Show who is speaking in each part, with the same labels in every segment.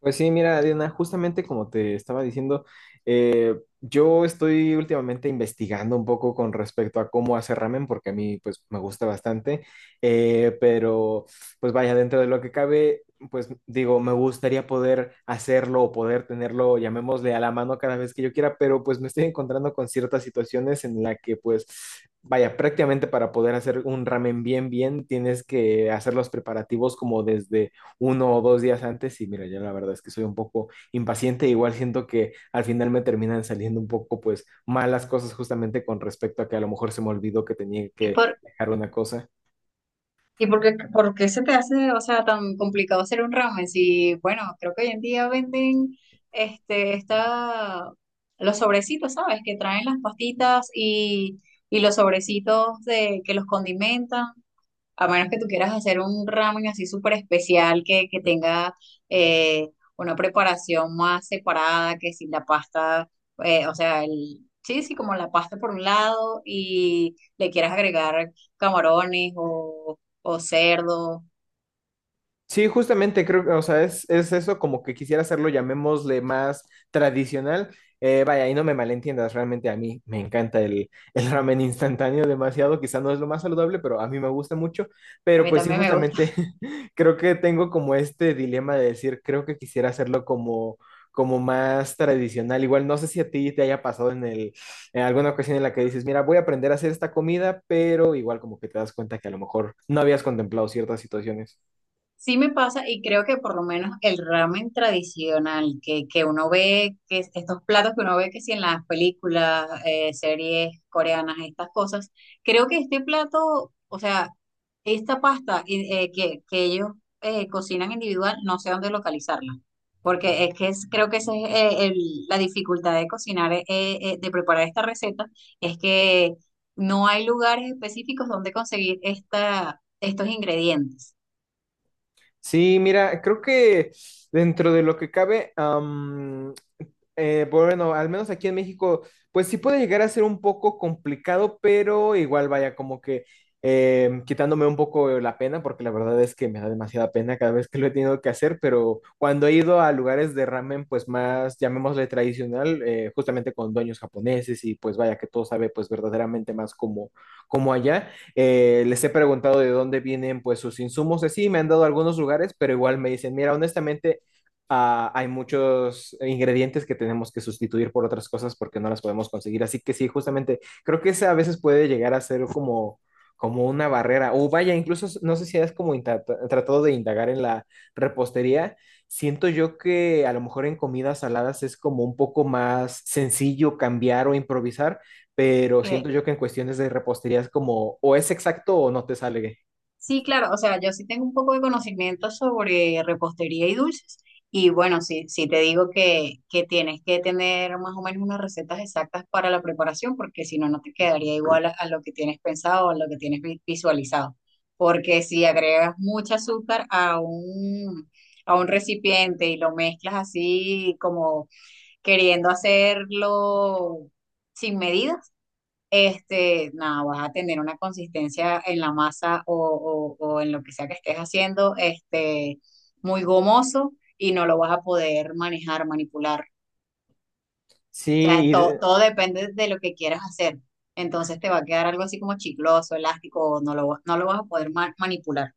Speaker 1: Pues sí, mira, Diana, justamente como te estaba diciendo, eh, yo estoy últimamente investigando un poco con respecto a cómo hacer ramen, porque a mí pues me gusta bastante, pero pues vaya, dentro de lo que cabe, pues digo, me gustaría poder hacerlo o poder tenerlo, llamémosle a la mano cada vez que yo quiera, pero pues me estoy encontrando con ciertas situaciones en la que pues vaya, prácticamente para poder hacer un ramen bien, bien, tienes que hacer los preparativos como desde uno o dos días antes y mira, yo la verdad es que soy un poco impaciente, igual siento que al final me terminan saliendo un poco pues malas cosas justamente con respecto a que a lo mejor se me olvidó que tenía
Speaker 2: ¿Y
Speaker 1: que
Speaker 2: por,
Speaker 1: dejar una cosa.
Speaker 2: y por qué se te hace, o sea, tan complicado hacer un ramen? Si, bueno, creo que hoy en día venden este, esta, los sobrecitos, ¿sabes? Que traen las pastitas y los sobrecitos de, que los condimentan. A menos que tú quieras hacer un ramen así súper especial que tenga eh, una preparación más separada, que sin la pasta, o sea, el, sí, sí, como la pasta por un lado y le quieras agregar camarones o cerdo.
Speaker 1: Sí, justamente creo que, o sea, es eso como que quisiera hacerlo, llamémosle más tradicional. Vaya, y no me malentiendas, realmente a mí me encanta el, el ramen instantáneo demasiado, quizá no es lo más saludable, pero a mí me gusta mucho.
Speaker 2: A
Speaker 1: Pero
Speaker 2: mí
Speaker 1: pues sí,
Speaker 2: también me gusta.
Speaker 1: justamente creo que tengo como este dilema de decir, creo que quisiera hacerlo como, como más tradicional. Igual no sé si a ti te haya pasado en en alguna ocasión en la que dices, mira, voy a aprender a hacer esta comida, pero igual como que te das cuenta que a lo mejor no habías contemplado ciertas situaciones.
Speaker 2: Sí me pasa y creo que por lo menos el ramen tradicional que uno ve, que estos platos que uno ve que si en las películas, series coreanas, estas cosas, creo que este plato, o sea, esta pasta que ellos cocinan individual, no sé dónde localizarla, porque es que es, creo que esa es la dificultad de cocinar, de preparar esta receta, es que no hay lugares específicos donde conseguir esta, estos ingredientes.
Speaker 1: Sí, mira, creo que dentro de lo que cabe, pues bueno, al menos aquí en México, pues sí puede llegar a ser un poco complicado, pero igual vaya como que quitándome un poco la pena, porque la verdad es que me da demasiada pena cada vez que lo he tenido que hacer, pero cuando he ido a lugares de ramen, pues más, llamémosle tradicional, justamente con dueños japoneses y pues vaya que todo sabe pues verdaderamente más como, como allá, les he preguntado de dónde vienen pues sus insumos, así me han dado algunos lugares, pero igual me dicen, mira, honestamente hay muchos ingredientes que tenemos que sustituir por otras cosas porque no las podemos conseguir. Así que sí, justamente creo que esa a veces puede llegar a ser como, como una barrera. O vaya, incluso no sé si has tratado de indagar en la repostería. Siento yo que a lo mejor en comidas saladas es como un poco más sencillo cambiar o improvisar, pero siento yo que en cuestiones de repostería es como o es exacto o no te sale.
Speaker 2: Sí, claro, o sea, yo sí tengo un poco de conocimiento sobre repostería y dulces. Y bueno, sí, sí te digo que tienes que tener más o menos unas recetas exactas para la preparación, porque si no, no te quedaría igual a lo que tienes pensado o a lo que tienes visualizado. Porque si agregas mucha azúcar a un recipiente y lo mezclas así como queriendo hacerlo sin medida, este, nada, vas a tener una consistencia en la masa o, o en lo que sea que estés haciendo, este, muy gomoso y no lo vas a poder manejar, manipular. O sea,
Speaker 1: Sí,
Speaker 2: todo depende de lo que quieras hacer. Entonces te va a quedar algo así como chicloso, elástico, o no lo, no lo vas a poder manipular.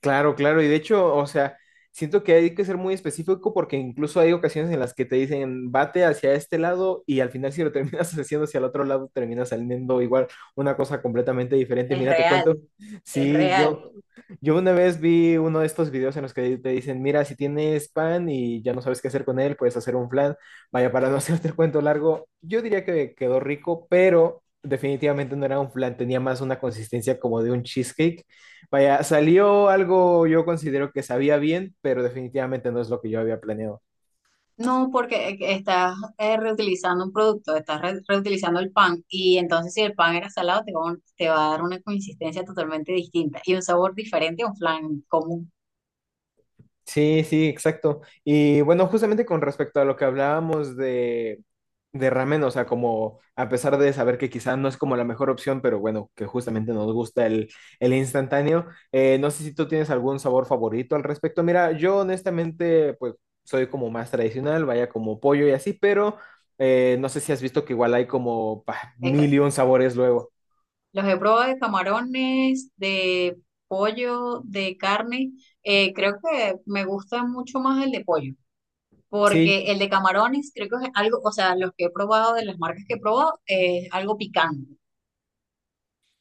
Speaker 1: claro, claro, y de hecho, o sea, siento que hay que ser muy específico porque incluso hay ocasiones en las que te dicen bate hacia este lado y al final si lo terminas haciendo hacia el otro lado termina saliendo igual una cosa completamente diferente.
Speaker 2: Es
Speaker 1: Mira, te
Speaker 2: real,
Speaker 1: cuento,
Speaker 2: es
Speaker 1: sí,
Speaker 2: real.
Speaker 1: yo una vez vi uno de estos videos en los que te dicen, mira, si tienes pan y ya no sabes qué hacer con él, puedes hacer un flan. Vaya, para no hacerte el cuento largo, yo diría que quedó rico, pero definitivamente no era un flan, tenía más una consistencia como de un cheesecake. Vaya, salió algo yo considero que sabía bien, pero definitivamente no es lo que yo había planeado.
Speaker 2: No, porque estás reutilizando un producto, estás reutilizando el pan y entonces si el pan era salado te va, te va a dar una consistencia totalmente distinta y un sabor diferente a un flan común.
Speaker 1: Sí, sí, exacto. Y bueno, justamente con respecto a lo que hablábamos de ramen, o sea, como a pesar de saber que quizá no es como la mejor opción, pero bueno, que justamente nos gusta el instantáneo, no sé si tú tienes algún sabor favorito al respecto. Mira, yo honestamente, pues soy como más tradicional, vaya como pollo y así, pero no sé si has visto que igual hay como bah,
Speaker 2: De ca-
Speaker 1: mil y un sabores luego.
Speaker 2: Los he probado de camarones, de pollo, de carne. Eh, creo que me gusta mucho más el de pollo
Speaker 1: Sí,
Speaker 2: porque el de camarones creo que es algo, o sea, los que he probado de las marcas que he probado es algo picante.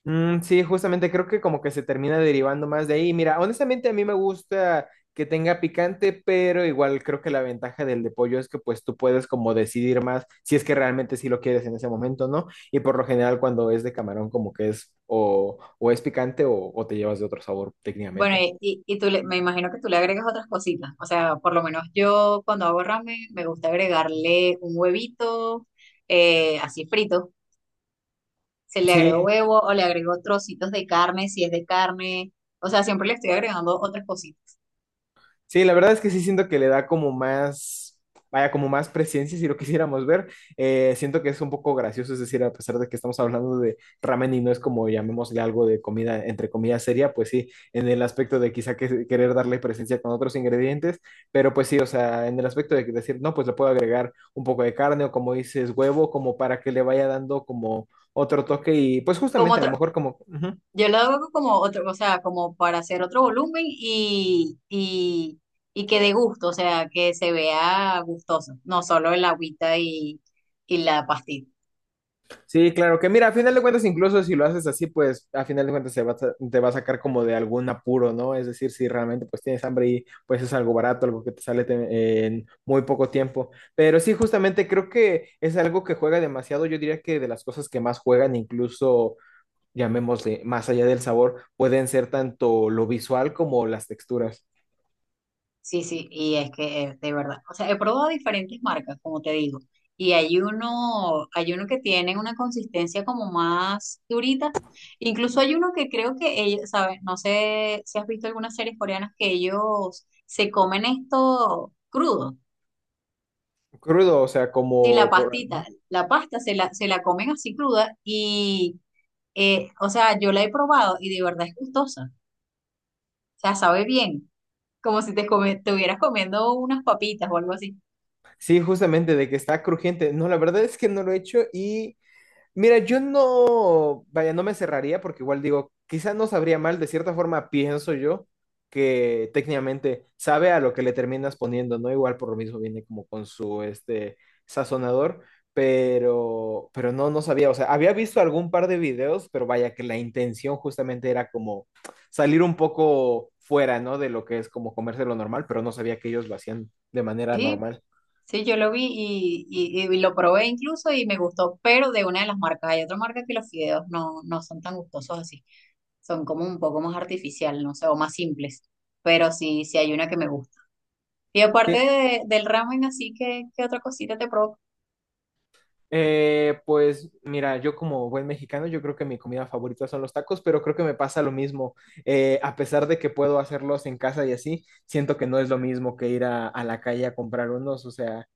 Speaker 1: mm, sí, justamente creo que como que se termina derivando más de ahí. Mira, honestamente a mí me gusta que tenga picante, pero igual creo que la ventaja del de pollo es que pues tú puedes como decidir más si es que realmente sí lo quieres en ese momento, ¿no? Y por lo general cuando es de camarón como que es o es picante o te llevas de otro sabor
Speaker 2: Bueno,
Speaker 1: técnicamente.
Speaker 2: y, y tú me imagino que tú le agregas otras cositas. O sea, por lo menos yo cuando hago ramen me gusta agregarle un huevito así frito. Se le agrego
Speaker 1: Sí,
Speaker 2: huevo o le agrego trocitos de carne si es de carne. O sea, siempre le estoy agregando otras cositas.
Speaker 1: sí, la verdad es que sí siento que le da como más, vaya, como más presencia si lo quisiéramos ver. Siento que es un poco gracioso, es decir, a pesar de que estamos hablando de ramen y no es como llamémosle algo de comida, entre comillas, seria, pues sí, en el aspecto de quizá que, querer darle presencia con otros ingredientes, pero pues sí, o sea, en el aspecto de que decir, no, pues le puedo agregar un poco de carne o como dices, huevo, como para que le vaya dando como otro toque y pues
Speaker 2: Como
Speaker 1: justamente a lo
Speaker 2: otro,
Speaker 1: mejor como... ujú.
Speaker 2: yo lo hago como otro, o sea, como para hacer otro volumen y que dé gusto, o sea, que se vea gustoso, no solo el agüita y la pastita.
Speaker 1: Sí, claro, que mira, a final de cuentas, incluso si lo haces así, pues a final de cuentas se va a sa- te va a sacar como de algún apuro, ¿no? Es decir, si realmente pues tienes hambre y pues es algo barato, algo que te sale en muy poco tiempo. Pero sí, justamente creo que es algo que juega demasiado. Yo diría que de las cosas que más juegan, incluso llamémosle, más allá del sabor, pueden ser tanto lo visual como las texturas.
Speaker 2: Sí, sí, y es que de verdad, o sea, he probado diferentes marcas, como te digo, hay uno que tiene una consistencia como más durita, incluso hay uno que creo que ellos, ¿sabes? No sé si has visto algunas series coreanas que ellos se comen esto crudo,
Speaker 1: Crudo, o sea,
Speaker 2: sí, la
Speaker 1: como por...
Speaker 2: pastita, la pasta se la comen así cruda y, o sea, yo la he probado y de verdad es gustosa, o sea, sabe bien, como si te, te hubieras comiendo unas papitas o algo así.
Speaker 1: Sí, justamente de que está crujiente. No, la verdad es que no lo he hecho y... Mira, yo no, vaya, no me cerraría porque igual digo, quizás no sabría mal, de cierta forma pienso yo que técnicamente sabe a lo que le terminas poniendo, ¿no? Igual por lo mismo viene como con su este sazonador, pero pero no sabía, o sea, había visto algún par de videos, pero vaya que la intención justamente era como salir un poco fuera, ¿no? De lo que es como comerse lo normal, pero no sabía que ellos lo hacían de manera
Speaker 2: Sí,
Speaker 1: normal.
Speaker 2: sí, yo lo vi y lo probé incluso y me gustó, pero de una de las marcas. Hay otra marca que los fideos no, no son tan gustosos así. Son como un poco más artificial, no sé, o más simples. Pero sí, sí hay una que me gusta. Y aparte del ramen, así que, ¿qué otra cosita te provoca?
Speaker 1: Pues mira, yo como buen mexicano, yo creo que mi comida favorita son los tacos, pero creo que me pasa lo mismo. A pesar de que puedo hacerlos en casa y así, siento que no es lo mismo que ir a la calle a comprar unos. O sea,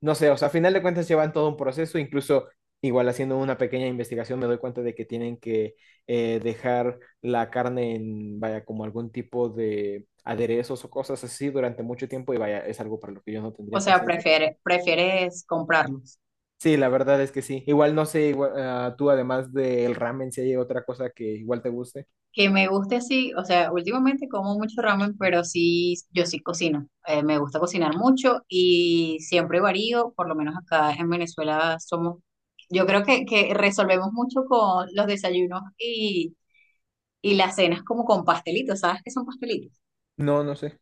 Speaker 1: no sé, o sea, a final de cuentas llevan todo un proceso, incluso igual haciendo una pequeña investigación me doy cuenta de que tienen que dejar la carne en, vaya, como algún tipo de aderezos o cosas así durante mucho tiempo y vaya, es algo para lo que yo no
Speaker 2: O
Speaker 1: tendría
Speaker 2: sea,
Speaker 1: paciencia.
Speaker 2: prefieres, prefieres comprarlos.
Speaker 1: Sí, la verdad es que sí. Igual no sé, igual, tú además del ramen, si hay otra cosa que igual te guste.
Speaker 2: Que me guste así, o sea, últimamente como mucho ramen, pero sí, yo sí cocino. Me gusta cocinar mucho y siempre varío, por lo menos acá en Venezuela somos, yo creo que resolvemos mucho con los desayunos y las cenas como con pastelitos, ¿sabes qué son pastelitos?
Speaker 1: No, no sé.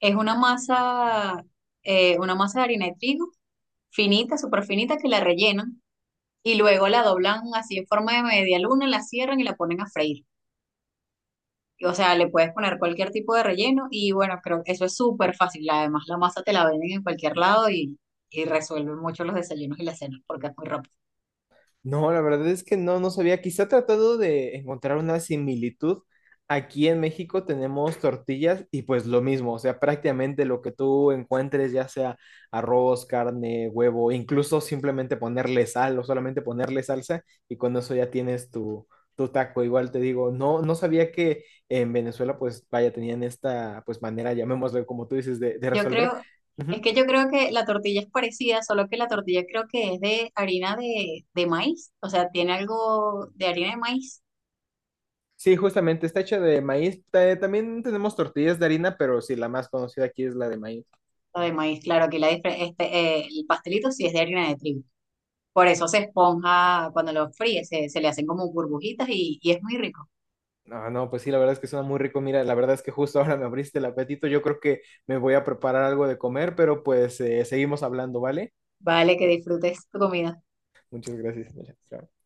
Speaker 2: Es una masa de harina de trigo finita, súper finita, que la rellenan y luego la doblan así en forma de media luna, la cierran y la ponen a freír. O sea, le puedes poner cualquier tipo de relleno y bueno, creo que eso es súper fácil. Además, la masa te la venden en cualquier lado y resuelve mucho los desayunos y las cenas porque es muy rápido.
Speaker 1: No, la verdad es que no, no sabía. Quizá tratando de encontrar una similitud, aquí en México tenemos tortillas y pues lo mismo, o sea, prácticamente lo que tú encuentres, ya sea arroz, carne, huevo, incluso simplemente ponerle sal o solamente ponerle salsa y con eso ya tienes tu, tu taco. Igual te digo, no, no sabía que en Venezuela pues vaya, tenían esta pues manera, llamémoslo como tú dices, de
Speaker 2: Yo
Speaker 1: resolver.
Speaker 2: creo, es
Speaker 1: Ujú.
Speaker 2: que yo creo que la tortilla es parecida, solo que la tortilla creo que es de harina de maíz. O sea, tiene algo de harina de maíz
Speaker 1: Sí, justamente, está hecha de maíz. También tenemos tortillas de harina, pero sí, la más conocida aquí es la de maíz.
Speaker 2: o de maíz. Claro que la, este, el pastelito sí es de harina de trigo. Por eso se esponja cuando lo fríes, se le hacen como burbujitas y es muy rico.
Speaker 1: No, no, pues sí, la verdad es que suena muy rico. Mira, la verdad es que justo ahora me abriste el apetito. Yo creo que me voy a preparar algo de comer, pero pues seguimos hablando, ¿vale?
Speaker 2: Vale, que disfrutes tu comida.
Speaker 1: Muchas gracias. Mira, chao.